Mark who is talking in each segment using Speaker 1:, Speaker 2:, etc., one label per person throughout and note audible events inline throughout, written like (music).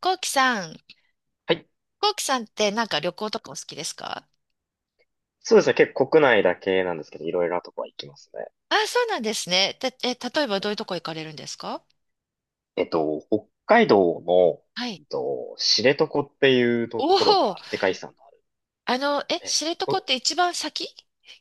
Speaker 1: コウキさん、
Speaker 2: はい。
Speaker 1: コウキさんってなんか旅行とかお好きですか？
Speaker 2: そうですね。結構国内だけなんですけど、いろいろなとこは行きますね。
Speaker 1: あ、そうなんですね。例えばどういうとこ行かれるんですか？
Speaker 2: 北海道の、
Speaker 1: はい。
Speaker 2: 知床っていう
Speaker 1: お
Speaker 2: ところ
Speaker 1: お、
Speaker 2: が世界遺産のある
Speaker 1: あの、え、
Speaker 2: で。
Speaker 1: 知床っ
Speaker 2: お
Speaker 1: て一番先、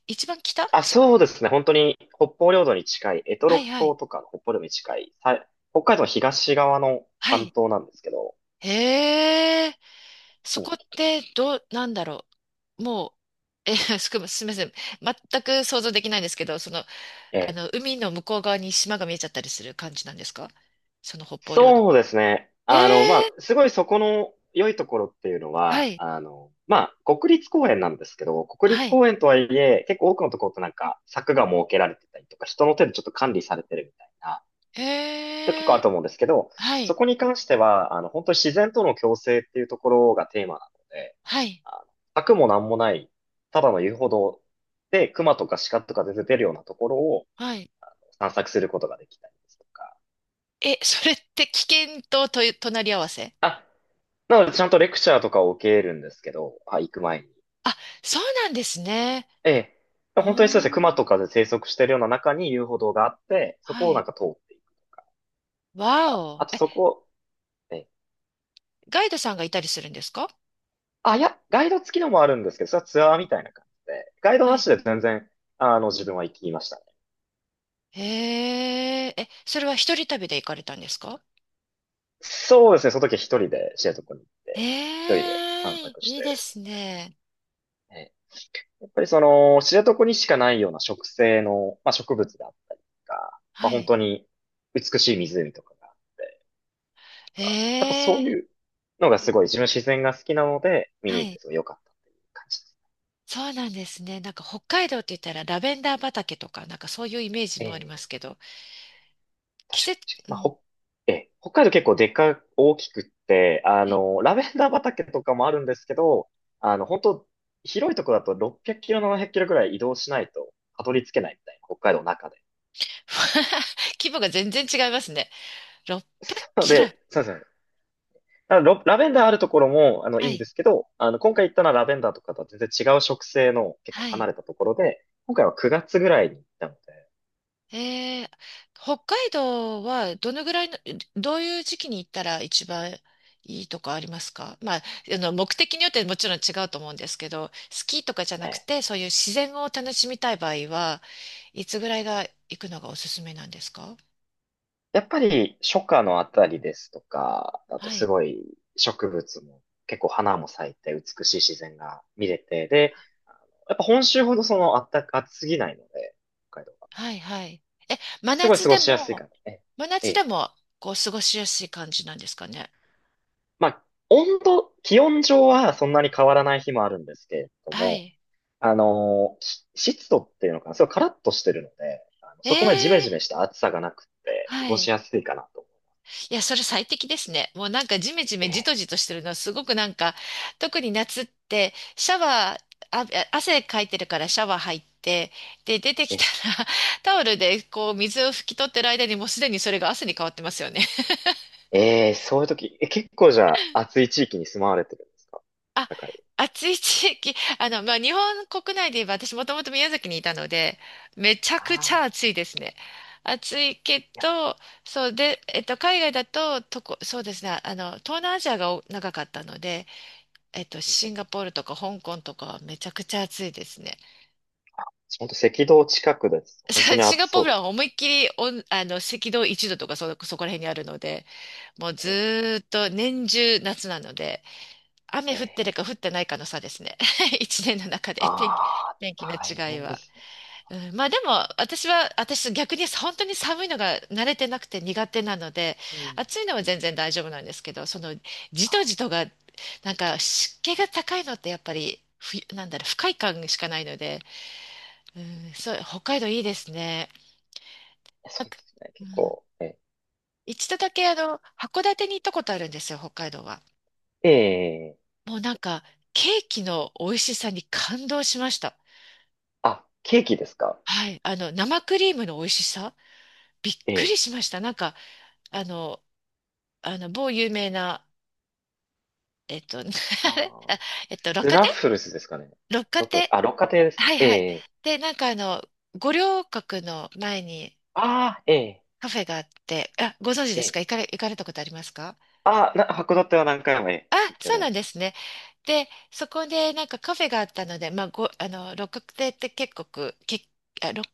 Speaker 1: 一番
Speaker 2: あ、そうですね。本当に北方領土に近い、択
Speaker 1: は
Speaker 2: 捉
Speaker 1: いはい。
Speaker 2: 島とかの北方領土に近い、北海道の東側の
Speaker 1: は
Speaker 2: 半
Speaker 1: い。
Speaker 2: 島なんですけど、
Speaker 1: へえ、そ
Speaker 2: うん
Speaker 1: こってどう、なんだろう。もう、え、(laughs) すみません。全く想像できないんですけど、その、あ
Speaker 2: え
Speaker 1: の、海の向こう側に島が見えちゃったりする感じなんですか？その北方領土。
Speaker 2: そうですね。
Speaker 1: へ
Speaker 2: あの、ま
Speaker 1: え、
Speaker 2: あ、すごいそこの良いところっていうの
Speaker 1: は
Speaker 2: は、
Speaker 1: い、
Speaker 2: あの、まあ、国立公園なんですけど、国
Speaker 1: は
Speaker 2: 立
Speaker 1: い。
Speaker 2: 公園とはいえ、結構多くのところってなんか柵が設けられてたりとか、人の手でちょっと管理されてるみたいな、結構あ
Speaker 1: へ
Speaker 2: る
Speaker 1: え。
Speaker 2: と思うんですけど、
Speaker 1: はい、
Speaker 2: そこに関しては、あの、本当に自然との共生っていうところがテーマなので、
Speaker 1: はい、
Speaker 2: あの、柵もなんもない、ただの遊歩道で、熊とか鹿とか全然出てるようなところを
Speaker 1: はい。
Speaker 2: 散策することができたりですとか、
Speaker 1: え、(laughs) それって危険と、と、隣り合わせ。
Speaker 2: あなので、ちゃんとレクチャーとかを受けるんですけど、はい、行く前に。
Speaker 1: あ、そうなんですね。
Speaker 2: ええ。本当にそうです
Speaker 1: お
Speaker 2: ね、
Speaker 1: ー、
Speaker 2: 熊とかで生息してるような中に遊歩道があって、そ
Speaker 1: は
Speaker 2: こをな
Speaker 1: い。
Speaker 2: んか通っていく
Speaker 1: わ
Speaker 2: か。あ
Speaker 1: お。
Speaker 2: と
Speaker 1: え、
Speaker 2: そこ、ええ。
Speaker 1: ガイドさんがいたりするんですか？
Speaker 2: あ、いや、ガイド付きのもあるんですけど、それはツアーみたいな感じで、ガイド
Speaker 1: は
Speaker 2: なし
Speaker 1: い。
Speaker 2: で全然、あの、自分は行きましたね。
Speaker 1: へえ、え、それは一人旅で行かれたんですか？
Speaker 2: そうですね、その時は一人で知床に行って、一人
Speaker 1: え
Speaker 2: で散
Speaker 1: え、
Speaker 2: 策し
Speaker 1: いい
Speaker 2: て
Speaker 1: で
Speaker 2: で
Speaker 1: す
Speaker 2: すね。
Speaker 1: ね。
Speaker 2: ええ。やっぱりその、知床にしかないような植生の、まあ、植物であったりとか、まあ、
Speaker 1: は
Speaker 2: 本
Speaker 1: い。
Speaker 2: 当に美しい湖とかがあって、やっぱ
Speaker 1: え
Speaker 2: そう
Speaker 1: え、
Speaker 2: いうのがすごい自分自然が好きなので、見に
Speaker 1: は
Speaker 2: 行って
Speaker 1: い。
Speaker 2: すごい良かったっていう感じです。
Speaker 1: そうなんですね。なんか北海道って言ったらラベンダー畑とか、なんかそういうイメージ
Speaker 2: え
Speaker 1: もありま
Speaker 2: え、
Speaker 1: すけど、季
Speaker 2: 確か
Speaker 1: 節、
Speaker 2: に確かに。
Speaker 1: うん。
Speaker 2: ええ、北海道結構大きくって、あ
Speaker 1: はい。
Speaker 2: の、ラベンダー畑とかもあるんですけど、あの、本当広いところだと600キロ、700キロぐらい移動しないとたどり着けないみたいな、北海道の中で。
Speaker 1: (laughs) 規模が全然違いますね。
Speaker 2: (laughs)
Speaker 1: 600キロ。
Speaker 2: そうですね。ラベンダーあるところも、あの、い
Speaker 1: は
Speaker 2: いん
Speaker 1: い。
Speaker 2: ですけど、あの、今回行ったのはラベンダーとかとは全然違う植生の結構
Speaker 1: はい。
Speaker 2: 離れたところで、今回は9月ぐらいに行ったので、
Speaker 1: えー、北海道はどのぐらいの、どういう時期に行ったら一番いいとかありますか？まあ、あの、目的によってもちろん違うと思うんですけど、スキーとかじゃなく
Speaker 2: ええ。
Speaker 1: て、そういう自然を楽しみたい場合は、いつぐらいが
Speaker 2: え
Speaker 1: 行くのがおすすめなんですか？
Speaker 2: やっぱり初夏のあたりですとか、だと
Speaker 1: は
Speaker 2: す
Speaker 1: い。
Speaker 2: ごい植物も結構花も咲いて美しい自然が見れて、で、やっぱ本州ほどそのあったか、暑すぎないので、北海道は。
Speaker 1: はい、はい。え、真
Speaker 2: すごい
Speaker 1: 夏
Speaker 2: 過ご
Speaker 1: で
Speaker 2: しやすい
Speaker 1: も、
Speaker 2: かな。ええ、
Speaker 1: 真
Speaker 2: え
Speaker 1: 夏で
Speaker 2: え。
Speaker 1: も、こう、過ごしやすい感じなんですかね？
Speaker 2: まあ、気温上はそんなに変わらない日もあるんですけれど
Speaker 1: は
Speaker 2: も、
Speaker 1: い。
Speaker 2: あのーし湿度っていうのかな、すごいカラッとしてるので、あの
Speaker 1: え
Speaker 2: そこまでジメ
Speaker 1: ー、
Speaker 2: ジメした暑さがなくって過
Speaker 1: は
Speaker 2: ごし
Speaker 1: い。
Speaker 2: やすいかなと思
Speaker 1: いや、それ最適ですね。もうなんかジメジ
Speaker 2: う。
Speaker 1: メ
Speaker 2: え
Speaker 1: ジ
Speaker 2: え、
Speaker 1: トジトしてるのはすごくなんか、特に夏ってシャワー、あ、汗かいてるからシャワー入って、で、出てき
Speaker 2: え
Speaker 1: た
Speaker 2: え。
Speaker 1: ら (laughs) タオルでこう水を拭き取ってる間にもうすでにそれが汗に変わってますよね。
Speaker 2: ええ、そういう時、結構じゃあ暑い地域に住まわれてるんですか？
Speaker 1: (laughs)
Speaker 2: あっ
Speaker 1: あ、
Speaker 2: たかい。
Speaker 1: 暑い地域、あの、まあ、日本国内で言えば私もともと宮崎にいたので、めちゃ
Speaker 2: あ
Speaker 1: くちゃ
Speaker 2: あ、
Speaker 1: 暑いですね。暑いけ
Speaker 2: いや、
Speaker 1: ど、そうで、えっと、海外だと、とこ、そうですね、あの、東南アジアがお長かったので、えっと、
Speaker 2: うんう
Speaker 1: シン
Speaker 2: ん、
Speaker 1: ガポールとか香港とかはめちゃくちゃ暑いですね。(laughs)
Speaker 2: 本当赤道近くです。本当
Speaker 1: さ
Speaker 2: に
Speaker 1: シン
Speaker 2: 暑
Speaker 1: ガポー
Speaker 2: そ
Speaker 1: ル
Speaker 2: うです
Speaker 1: は思いっきりおん、あの、赤道1度とかそ、そこら辺にあるので、もうず
Speaker 2: ね。
Speaker 1: ーっと年中夏なので、雨
Speaker 2: え
Speaker 1: 降
Speaker 2: え。
Speaker 1: ってるか降ってないかの差ですね。(laughs) 一年の中で天気、
Speaker 2: ああ
Speaker 1: 天
Speaker 2: ー、
Speaker 1: 気の
Speaker 2: 大
Speaker 1: 違い
Speaker 2: 変で
Speaker 1: は。
Speaker 2: すね。
Speaker 1: うんまあでも、私逆に本当に寒いのが慣れてなくて苦手なので、
Speaker 2: うん。
Speaker 1: 暑いのは
Speaker 2: うん。
Speaker 1: 全然大丈夫なんですけど、そのじとじとが、なんか湿気が高いのってやっぱり、ふ、なんだろう、不快感しかないので、うん、そう、北海道いいですね。
Speaker 2: そ
Speaker 1: なん
Speaker 2: うで
Speaker 1: か
Speaker 2: すね。
Speaker 1: う
Speaker 2: 結
Speaker 1: ん、
Speaker 2: 構、え
Speaker 1: 一度だけあの、函館に行ったことあるんですよ、北海道は。
Speaker 2: え、ええ、
Speaker 1: もうなんか、ケーキの美味しさに感動しました。
Speaker 2: あ、ケーキですか？
Speaker 1: はい、あの、生クリームの美味しさ、びっく
Speaker 2: え
Speaker 1: り
Speaker 2: え。
Speaker 1: しました。なんか、あの、あの、某有名な、(laughs) あれ
Speaker 2: あ
Speaker 1: あ
Speaker 2: あ、
Speaker 1: 六
Speaker 2: ス
Speaker 1: 花
Speaker 2: ナ
Speaker 1: 亭、
Speaker 2: ッフルズですかね。
Speaker 1: 六花
Speaker 2: どこで
Speaker 1: 亭。
Speaker 2: すか？あ、六花亭ですか？
Speaker 1: はいはい。
Speaker 2: ええ。
Speaker 1: で、なんかあの、五稜郭の前に
Speaker 2: ああ、ええ、
Speaker 1: カフェがあって、あ、ご存知ですか？
Speaker 2: ええ、
Speaker 1: 行かれ、行かれたことありますか？
Speaker 2: ああ、函館は何回も、ええ、
Speaker 1: あ、
Speaker 2: 行ってお
Speaker 1: そ
Speaker 2: り
Speaker 1: う
Speaker 2: ま
Speaker 1: な
Speaker 2: す。
Speaker 1: んですね。で、そこでなんかカフェがあったので、まあ、ご、あの、六花亭って結構く、け、あ、六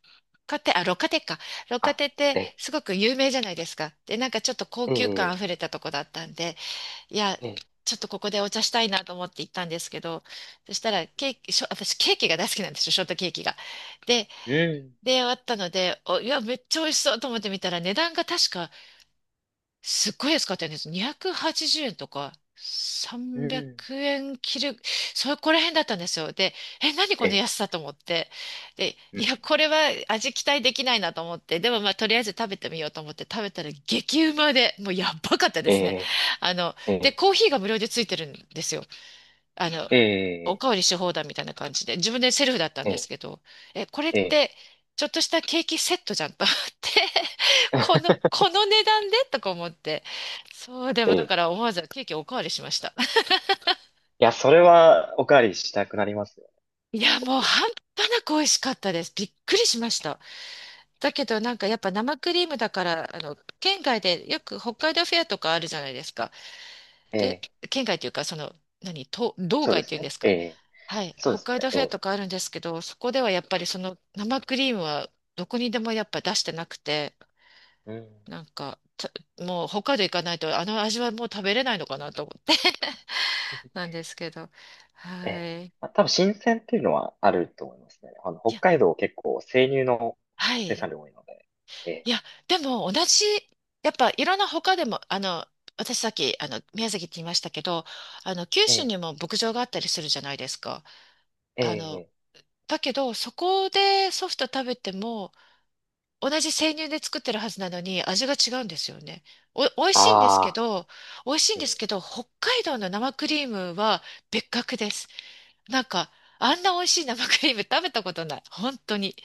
Speaker 1: 花亭、あ、六花亭か。六花亭って
Speaker 2: あ、ええ、
Speaker 1: すごく有名じゃないですか。で、なんかちょっと高
Speaker 2: え
Speaker 1: 級感あ
Speaker 2: え、
Speaker 1: ふれたとこだったんで、いや、
Speaker 2: ええ、
Speaker 1: ちょっとここでお茶したいなと思って行ったんですけど、そしたらケーキ、しょ、私ケーキが大好きなんですよ、ショートケーキが。で、
Speaker 2: うん。
Speaker 1: で、あったので、お、いや、めっちゃ美味しそうと思ってみたら、値段が確かすっごい安かったんです。280円とか
Speaker 2: う
Speaker 1: 300
Speaker 2: ん。
Speaker 1: 円切る、そこら辺だったんですよ。で、え、何この
Speaker 2: え、
Speaker 1: 安さと思って。で、
Speaker 2: う
Speaker 1: い
Speaker 2: ん。
Speaker 1: や、これは味期待できないなと思って、でもまあ、とりあえず食べてみようと思って食べたら激うまで、もうやばかったですね。
Speaker 2: え
Speaker 1: あの、
Speaker 2: ー、
Speaker 1: で、
Speaker 2: え
Speaker 1: コーヒーが無料でついてるんですよ。あの、
Speaker 2: ー、
Speaker 1: お
Speaker 2: え
Speaker 1: かわりし放題みたいな感じで、自分でセルフだったん
Speaker 2: ー、
Speaker 1: です
Speaker 2: え
Speaker 1: けど、え、これっ
Speaker 2: ー、え
Speaker 1: て、ちょっとしたケーキセットじゃんと思って、(laughs) こ
Speaker 2: ー、(laughs)
Speaker 1: の、この値段でとか思って、そう、でもだ
Speaker 2: い
Speaker 1: から思わずケーキおかわりしました。
Speaker 2: や、それはおかわりしたくなりますよ、
Speaker 1: いや、もう
Speaker 2: 僕。
Speaker 1: 半端なく美味しかったです。びっくりしました。だけどなんかやっぱ生クリームだから、あの、県外でよく北海道フェアとかあるじゃないですか。
Speaker 2: え
Speaker 1: で、
Speaker 2: え、
Speaker 1: 県外というか、その、何、と道
Speaker 2: そうで
Speaker 1: 外って
Speaker 2: す
Speaker 1: いうん
Speaker 2: ね。
Speaker 1: です
Speaker 2: え
Speaker 1: か。
Speaker 2: え、
Speaker 1: はい、
Speaker 2: そうで
Speaker 1: 北
Speaker 2: す
Speaker 1: 海
Speaker 2: ね。
Speaker 1: 道フ
Speaker 2: え
Speaker 1: ェア
Speaker 2: え、
Speaker 1: とかあるんですけど、そこではやっぱりその生クリームはどこにでもやっぱ出してなくて、
Speaker 2: うん。
Speaker 1: なんか、たもう北海道行かないとあの味はもう食べれないのかなと思って (laughs) な
Speaker 2: (laughs)
Speaker 1: んですけど。
Speaker 2: え
Speaker 1: は
Speaker 2: え、
Speaker 1: い。い
Speaker 2: まあ、多分新鮮っていうのはあると思いますね。あの、北
Speaker 1: や、
Speaker 2: 海道結構生乳の
Speaker 1: は
Speaker 2: 生
Speaker 1: い。
Speaker 2: 産量多いので。え
Speaker 1: い
Speaker 2: え、
Speaker 1: や、でも同じ、やっぱいろんな他でも、あの、私さっき、あの、宮崎って言いましたけど、あの、九州
Speaker 2: え
Speaker 1: にも牧場があったりするじゃないですか。
Speaker 2: え、
Speaker 1: あの、
Speaker 2: ええ、
Speaker 1: だけど、そこでソフト食べても、同じ生乳で作ってるはずなのに味が違うんですよね。お、美味しいんですけ
Speaker 2: ああ
Speaker 1: ど、美味しいん
Speaker 2: ー、え
Speaker 1: です
Speaker 2: え、
Speaker 1: けど、北海道の生クリームは別格です。なんか、あんな美味しい生クリーム (laughs) 食べたことない。本当に。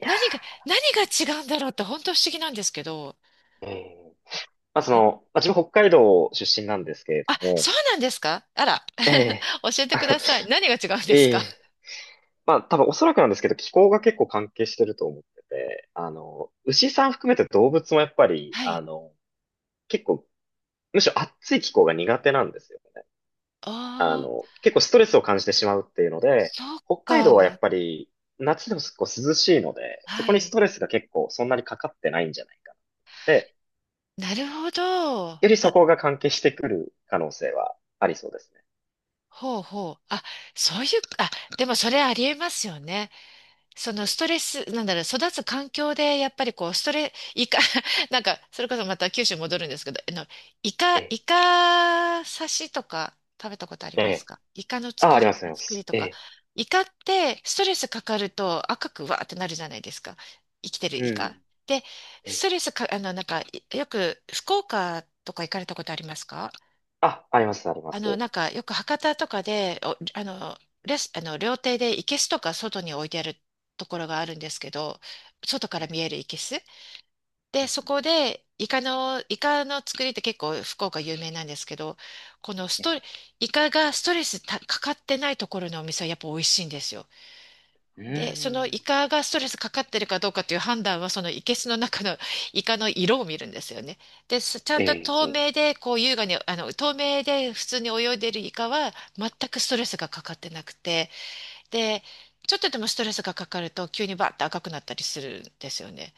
Speaker 2: いやー、
Speaker 1: 何が、何
Speaker 2: 確
Speaker 1: が
Speaker 2: か
Speaker 1: 違うんだろうって本当不思議なんですけど、
Speaker 2: に。ええ、
Speaker 1: ほ
Speaker 2: まあ、そ
Speaker 1: ほ
Speaker 2: の、まあ、自分北海道出身なんですけれど
Speaker 1: あ、
Speaker 2: も、
Speaker 1: そうなんですか？あら、
Speaker 2: ええ、
Speaker 1: (laughs) 教え
Speaker 2: (laughs)
Speaker 1: て
Speaker 2: あ
Speaker 1: く
Speaker 2: の
Speaker 1: ださい。何が違うんです
Speaker 2: え
Speaker 1: か？
Speaker 2: え、まあ、多分おそらくなんですけど、気候が結構関係してると思ってて、あの、牛さん含めて動物もやっぱり、
Speaker 1: は
Speaker 2: あ
Speaker 1: い。
Speaker 2: の、結構、むしろ暑い気候が苦手なんですよね。あ
Speaker 1: ああ、
Speaker 2: の、結構ストレスを感じてしまうっていうので、
Speaker 1: そっ
Speaker 2: 北海道はや
Speaker 1: か。
Speaker 2: っぱり、夏でも結構涼しいので、そ
Speaker 1: は
Speaker 2: こにス
Speaker 1: い。
Speaker 2: トレスが結構そんなにかかってないんじゃないかなって、
Speaker 1: なるほど。
Speaker 2: よりそこが関係してくる可能性はありそうですね。
Speaker 1: ほうほう。あ、そういう、あ、でもそれありえますよね。そ
Speaker 2: え
Speaker 1: の
Speaker 2: え、
Speaker 1: ストレス、なんだろう、育つ環境で、やっぱりこう、ストレ、イカ、(laughs) なんか、それこそまた九州に戻るんですけど、あの、イ
Speaker 2: え
Speaker 1: カ、
Speaker 2: え、
Speaker 1: イカ刺しとか食べたことあり
Speaker 2: え
Speaker 1: ます
Speaker 2: え。
Speaker 1: か？イカの
Speaker 2: あ、
Speaker 1: 作
Speaker 2: ありま
Speaker 1: り、
Speaker 2: す、ありま
Speaker 1: 作り
Speaker 2: す。
Speaker 1: と
Speaker 2: え
Speaker 1: か。
Speaker 2: え、
Speaker 1: イカって、ストレスかかると赤くわーってなるじゃないですか。生きてる
Speaker 2: う
Speaker 1: イカ。
Speaker 2: ん、
Speaker 1: で、
Speaker 2: え
Speaker 1: ス
Speaker 2: え、
Speaker 1: トレスか、あの、なんか、よく、福岡とか行かれたことありますか？
Speaker 2: あ、あります、ありま
Speaker 1: あの、
Speaker 2: す。
Speaker 1: なんかよく博多とかで、お、あの、レス、あの、料亭で生けすとか外に置いてあるところがあるんですけど、外から
Speaker 2: え
Speaker 1: 見
Speaker 2: え。
Speaker 1: える生けす。で、
Speaker 2: うん
Speaker 1: そこで、イカの、イカの作りって結構福岡有名なんですけど、このス
Speaker 2: うん、
Speaker 1: トレ、イカがストレスたかかってないところのお店はやっぱ美味しいんですよ。
Speaker 2: うー
Speaker 1: で、そのイ
Speaker 2: ん。
Speaker 1: カがストレスかかってるかどうかという判断は、その生けすの中の (laughs) イカの色を見るんですよね。で、すちゃ
Speaker 2: え
Speaker 1: んと透
Speaker 2: え、
Speaker 1: 明で、こう優雅に、あの、透明で普通に泳いでるイカは、全くストレスがかかってなくて、で、ちょっとでもストレスがかかると、急にバッと赤くなったりするんですよね。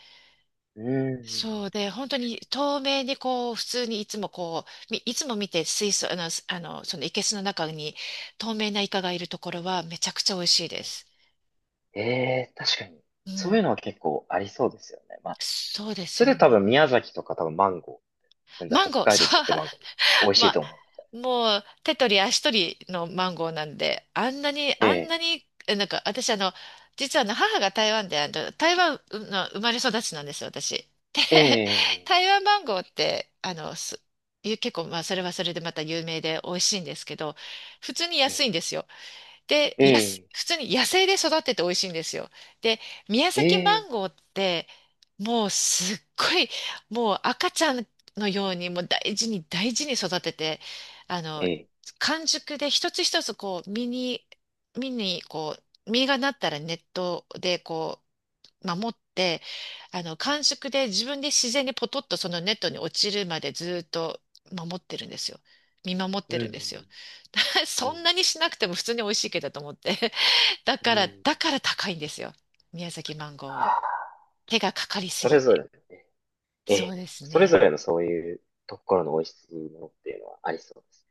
Speaker 2: うー
Speaker 1: そう
Speaker 2: ん。
Speaker 1: で、本当に透明にこう、普通にいつもこう、みいつも見て水槽、あの、すあの、その生けすの中に透明なイカがいるところは、めちゃくちゃ美味しいです。
Speaker 2: ええ、確かに。
Speaker 1: う
Speaker 2: そう
Speaker 1: ん。
Speaker 2: いうのは結構ありそうですよね。まあ、
Speaker 1: そうです
Speaker 2: そ
Speaker 1: よ
Speaker 2: れで多分
Speaker 1: ね。
Speaker 2: 宮崎とか多分マンゴー、全然
Speaker 1: マン
Speaker 2: 北
Speaker 1: ゴー、(laughs)
Speaker 2: 海
Speaker 1: そ
Speaker 2: 道作ってるマンゴーで美味
Speaker 1: う、(laughs)
Speaker 2: しい
Speaker 1: まあ、
Speaker 2: と思
Speaker 1: もう手取り足取りのマンゴーなんで、あんなに、
Speaker 2: う。え
Speaker 1: あん
Speaker 2: え、
Speaker 1: なに、えなんか私あの、実はあの母が台湾で、あの、台湾の生まれ育ちなんですよ、私。で、
Speaker 2: え
Speaker 1: (laughs)
Speaker 2: え、
Speaker 1: 台湾マンゴーって、あの、す、ゆ結構、まあ、それはそれでまた有名で美味しいんですけど、普通に安
Speaker 2: え
Speaker 1: いんですよ。で、やす、
Speaker 2: え、
Speaker 1: 普通に野生で育ってて美味しいんですよ。で、宮
Speaker 2: え
Speaker 1: 崎マン
Speaker 2: え、
Speaker 1: ゴーって、もうすっごい、もう赤ちゃんのように、もう大事に大事に育てて、あ
Speaker 2: え
Speaker 1: の、
Speaker 2: え、
Speaker 1: 完熟で一つ一つこう、実に、実にこう、実がなったらネットでこう、守って、あの、感触で自分で自然にポトッとそのネットに落ちるまでずっと守ってるんですよ。見守っ
Speaker 2: う
Speaker 1: てるんですよ。
Speaker 2: ん。
Speaker 1: (laughs)
Speaker 2: う
Speaker 1: そん
Speaker 2: ん。
Speaker 1: なにしなくても普通に美味しいけどと思って。(laughs) だ
Speaker 2: う
Speaker 1: か
Speaker 2: ん。う
Speaker 1: ら、だ
Speaker 2: ん。
Speaker 1: から高いんですよ。宮崎マンゴー
Speaker 2: は
Speaker 1: は。
Speaker 2: あ。
Speaker 1: 手がかかりす
Speaker 2: そ
Speaker 1: ぎ
Speaker 2: れぞれ
Speaker 1: て。
Speaker 2: のね、え
Speaker 1: そうで
Speaker 2: え、
Speaker 1: す
Speaker 2: それぞれ
Speaker 1: ね。
Speaker 2: のそういうところの美味しいものっていうのはありそうです。